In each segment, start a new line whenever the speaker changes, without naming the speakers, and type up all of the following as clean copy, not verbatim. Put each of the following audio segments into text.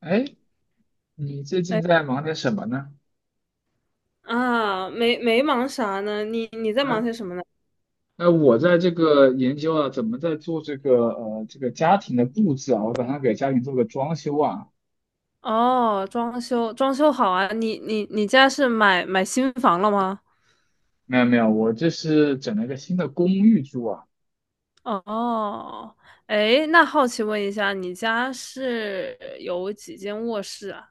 哎，你最
没
近在忙点什么呢？
啊，没忙啥呢？你在
哎，
忙些什么呢？
那我在这个研究啊，怎么在做这个这个家庭的布置啊，我打算给家庭做个装修啊。
哦，装修装修好啊！你家是买新房了吗？
没有没有，我这是整了一个新的公寓住啊。
哦，哎，那好奇问一下，你家是有几间卧室啊？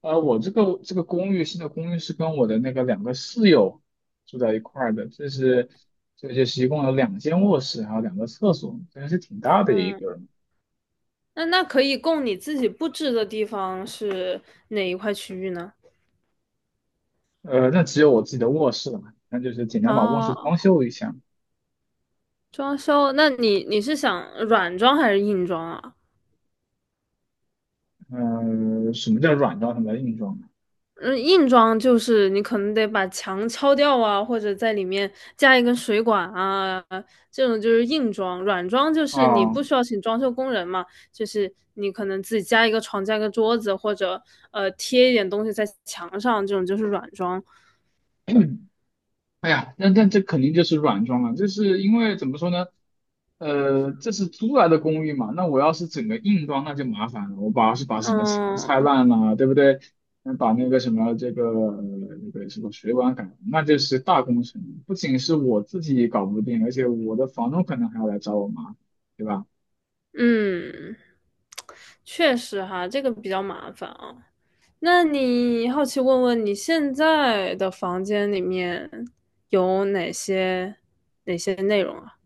呃，我这个公寓新的公寓是跟我的那个两个室友住在一块儿的，这就是一共有两间卧室，还有两个厕所，真的是挺大的一
嗯，
个。
那可以供你自己布置的地方是哪一块区域呢？
呃，那只有我自己的卧室了嘛，那就是简单把卧室
哦，
装修一下。
装修，那你是想软装还是硬装啊？
呃，什么叫软装，什么叫硬装
嗯，硬装就是你可能得把墙敲掉啊，或者在里面加一根水管啊，这种就是硬装。软装就是你
啊？
不需要请装修工人嘛，就是你可能自己加一个床、加一个桌子，或者贴一点东西在墙上，这种就是软装。
哎呀，那这肯定就是软装了，就是因为怎么说呢？呃，这是租来的公寓嘛，那我要是整个硬装，那就麻烦了。我把是把什么墙拆
嗯
烂了，对不对？嗯，把那个什么这个那个什么水管改了那就是大工程。不仅是我自己搞不定，而且我的房东可能还要来找我麻烦，对吧？
嗯，确实哈，这个比较麻烦啊。那你好奇问问你现在的房间里面有哪些内容啊？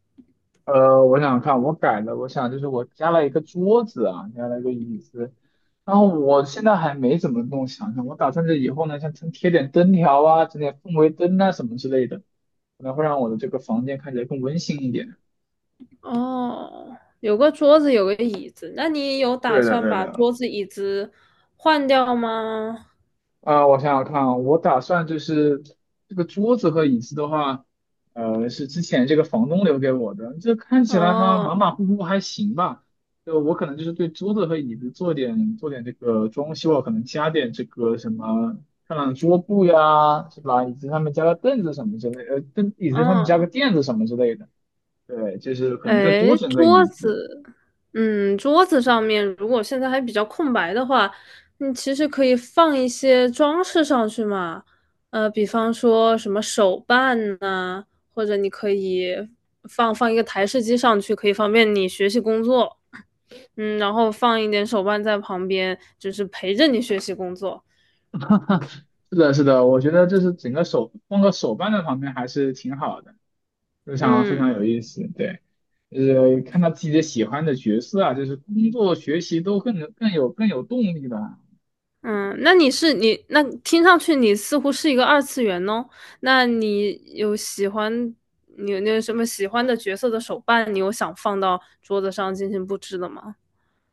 呃，我想想看我改了，我想就是我加了一个桌子啊，加了一个椅子，然后我现在还没怎么弄想想，我打算这以后呢，像贴点灯条啊，整点氛围灯啊什么之类的，可能会让我的这个房间看起来更温馨一点。
哦，有个桌子，有个椅子，那你有打
对的，
算
对
把
的，
桌子、椅子换掉吗？
啊、我想想看啊，我打算就是这个桌子和椅子的话，呃，是之前这个房东留给我的。这看起来嘛，马
哦，
马虎虎还行吧。就我可能就是对桌子和椅子做点这个装修啊，可能加点这个什么漂亮的桌布呀，是吧？椅子上面加个凳子什么之类凳椅子上面加个
哦，
垫子什么之类的。对，就是可能再多
哎，
整个
桌
椅子。
子，嗯，桌子上面如果现在还比较空白的话，你其实可以放一些装饰上去嘛，呃，比方说什么手办呐、或者你可以放一个台式机上去，可以方便你学习工作。嗯，然后放一点手办在旁边，就是陪着你学习工作。
是的，是的，我觉得就是整个手放个手办在旁边还是挺好的。非常非
嗯
常有意思，对，就是看到自己的喜欢的角色啊，就是工作、学习都更有动力了。
嗯，那你那听上去你似乎是一个二次元哦。那你有喜欢你有什么喜欢的角色的手办？你有想放到桌子上进行布置的吗？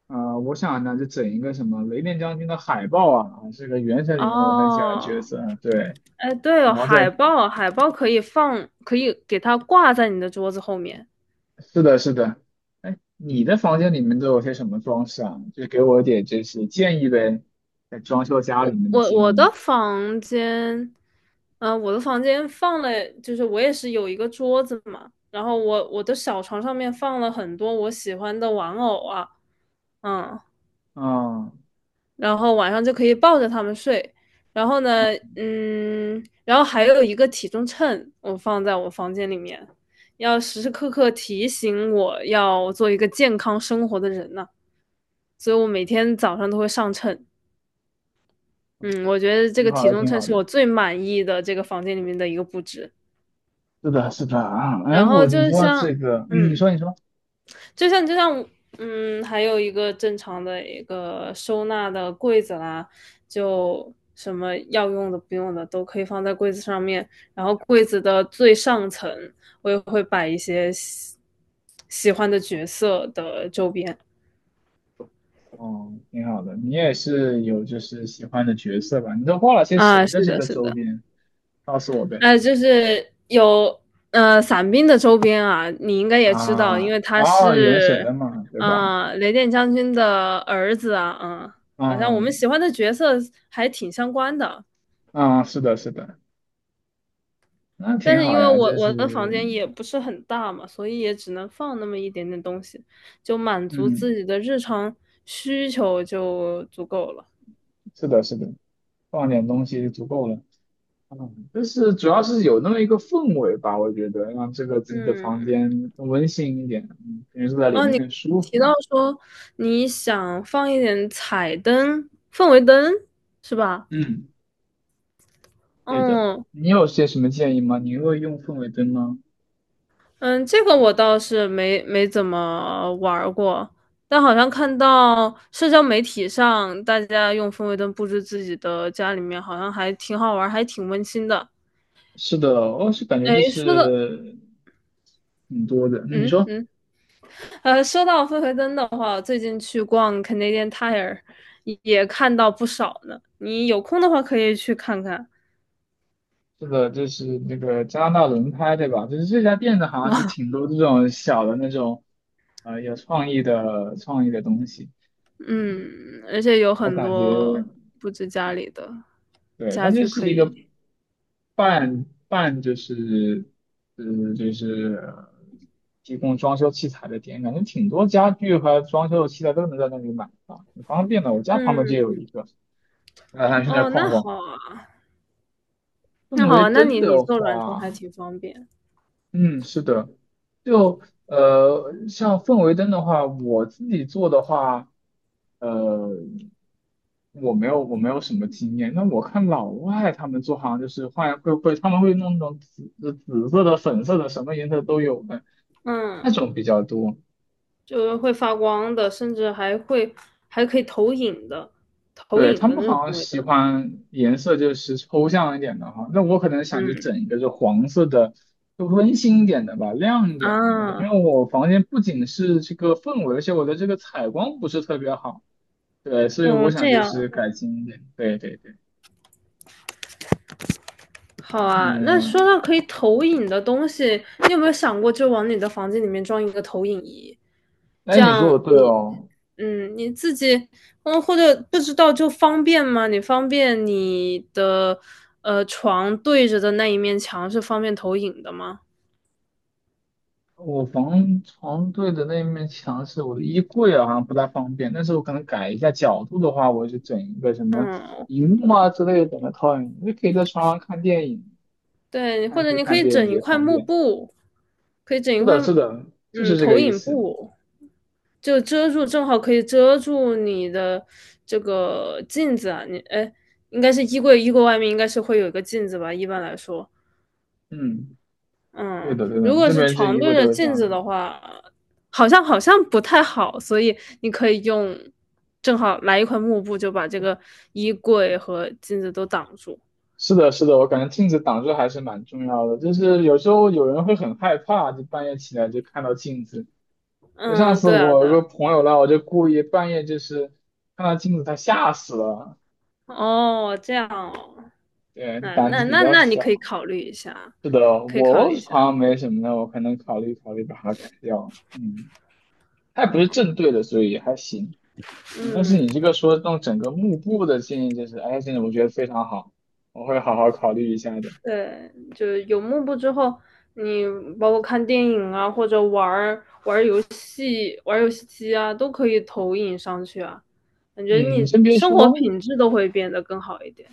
啊、我想呢，就整一个什么雷电将军的海报啊，这个原神里面我很喜欢的角
哦，
色啊，对，
哎，对
然
哦，
后
海
再
报，海报可以放，可以给它挂在你的桌子后面。
是的，是的，哎，你的房间里面都有些什么装饰啊？就给我点就是建议呗，在装修家里
我
面的
我
建
我
议。
的房间，我的房间放了，就是我也是有一个桌子嘛，然后我的小床上面放了很多我喜欢的玩偶啊，嗯，
啊
然后晚上就可以抱着他们睡，然后
啊，
呢，嗯，然后还有一个体重秤，我放在我房间里面，要时时刻刻提醒我要做一个健康生活的人呢，所以我每天早上都会上秤。嗯，我觉得这
挺
个
好
体
的，
重
挺
秤
好
是
的。
我最满意的这个房间里面的一个布置。
是的，是的啊，哎，
然后
我你
就
说
像，
这个，嗯，你
嗯，
说你说。
就像，嗯，还有一个正常的一个收纳的柜子啦，就什么要用的、不用的都可以放在柜子上面。然后柜子的最上层，我也会摆一些喜欢的角色的周边。
哦，挺好的。你也是有就是喜欢的角色吧？你都画了些
啊，
谁的
是
这
的，
个
是
周
的。
边？告诉我呗。
呃，就是有伞兵的周边啊，你应该也知道，因
啊，
为他
哦，原神
是
的嘛，对吧？
雷电将军的儿子啊，嗯，好像我们
嗯
喜欢的角色还挺相关的。
嗯，是的，是的，那
但
挺
是因
好
为
呀。
我
这
我的房
是，
间也不是很大嘛，所以也只能放那么一点点东西，就满足
嗯，
自己的日常需求就足够了。
是的，是的，放点东西就足够了。嗯，就是主要是有那么一个氛围吧，我觉得让这个自己的房
嗯，
间更温馨一点，嗯，感觉坐在里
哦，
面
你
更舒
提
服。
到说你想放一点彩灯、氛围灯，是吧？
嗯，对的。
嗯
你有些什么建议吗？你会用氛围灯吗？
嗯，这个我倒是没怎么玩儿过，但好像看到社交媒体上大家用氛围灯布置自己的家里面，好像还挺好玩儿，还挺温馨的。
是的，我是感觉
哎，
就
说到
是挺多的。嗯你
嗯
说，
嗯，呃，说到氛围灯的话，我最近去逛 Canadian Tire 也看到不少呢。你有空的话可以去看看。
是的，就是那个加拿大轮胎，对吧？就是这家店的好像是 挺多这种小的那种，呃，有创意的东西。
嗯，而且有
我
很
感觉，
多布置家里的
对，它
家
就
具可
是一个
以。
半就是，呃，就是呃提供装修器材的店，感觉挺多家具和装修的器材都能在那里买啊，挺方便的。我家旁边就
嗯，
有一个，然后还去那儿
哦，
逛
那
逛。
好啊。
氛
那好
围
啊，那
灯
你
的
做软装还
话。
挺方便，
嗯，是的，就呃，像氛围灯的话，我自己做的话，呃，我没有什么经验。那我看老外他们做，好像就是换会会他们会弄那种紫色的、粉色的，什么颜色都有的那
嗯，
种比较多。
就是会发光的，甚至还会还可以投影的，投
对，他
影的
们
那种
好像
氛围
喜
灯，
欢颜色就是抽象一点的哈，那我可能想着
嗯
整一个就黄色的，就温馨一点的吧，亮一点的那个。因
啊，
为我房间不仅是这个氛围，而且我的这个采光不是特别好，对，所以
哦
我
这
想就
样，
是改进一点。对对对，
好啊。那说
嗯，
到可以投影的东西，你有没有想过就往你的房间里面装一个投影仪？
哎，
这
你说
样
的对
你
哦，
嗯你自己嗯或者不知道就方便吗？你方便你的床对着的那一面墙是方便投影的吗？
我房床对的那面墙是我的衣柜啊，好像不太方便，但是我可能改一下角度的话，我就整一个什么
嗯，
荧幕啊之类的，整个投影，就可以在床上看电影。
对，或
看
者
剧
你可
看
以
电影
整一
也
块
方
幕
便。
布，可以整一
是
块，
的，是的，就
嗯，
是这
投
个意
影
思。
布，就遮住，正好可以遮住你的这个镜子啊。你，哎，应该是衣柜，衣柜外面应该是会有一个镜子吧，一般来说，
嗯，对
嗯，
的，对
如
的，
果
这
是
边这
床
衣
对
个
着
都是这
镜
样
子
的。
的话，好像不太好，所以你可以用，正好来一块幕布，就把这个衣柜和镜子都挡住。
是的，是的，我感觉镜子挡住还是蛮重要的。就是有时候有人会很害怕，就半夜起来就看到镜子。就上
嗯，
次
对啊，
我
对
有
啊
个朋友啦，我就故意半夜就是看到镜子，他吓死了。
哦，这样哦。
对，
那
胆
那
子比
那
较
那你
小。
可以考虑一下，
是的，
可以考
我
虑一下。
好像没什么的，我可能考虑考虑把它改掉。嗯，它也不是正对的，所以还行。嗯，但是
嗯，
你这个说弄整个幕布的建议，就是，哎，真的我觉得非常好，我会好好考虑一下的。
对，就有幕布之后，你包括看电影啊，或者玩游戏机啊，都可以投影上去啊。感觉
嗯，你
你
先别
生活
说，
品质都会变得更好一点。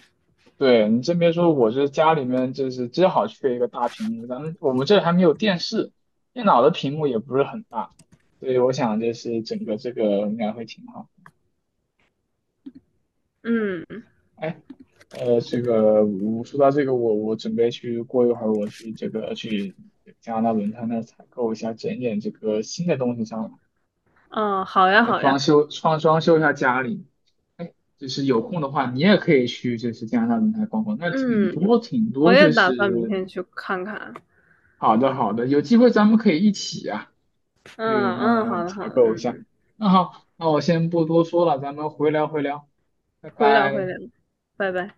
对你真别说，我这家里面就是正好缺一个大屏幕，咱们我们这还没有电视，电脑的屏幕也不是很大，所以我想就是整个这个应该会挺好。
嗯
哎，呃，这个我说到这个，我准备去过一会儿，我去这个去加拿大轮胎那儿采购一下，整点这个新的东西上来。
嗯，好呀
呃，
好
装
呀，
修装装修一下家里。哎，就是有空的话，你也可以去就是加拿大轮台逛逛，那挺多
嗯，
挺
我
多，
也
就
打算明
是
天去看看。
好的好的，有机会咱们可以一起啊去
嗯
那
嗯，
儿
好的
采
好的，
购一
嗯
下。
嗯，
那好，那我先不多说了，咱们回聊回聊，拜
回聊回
拜。
聊，拜拜。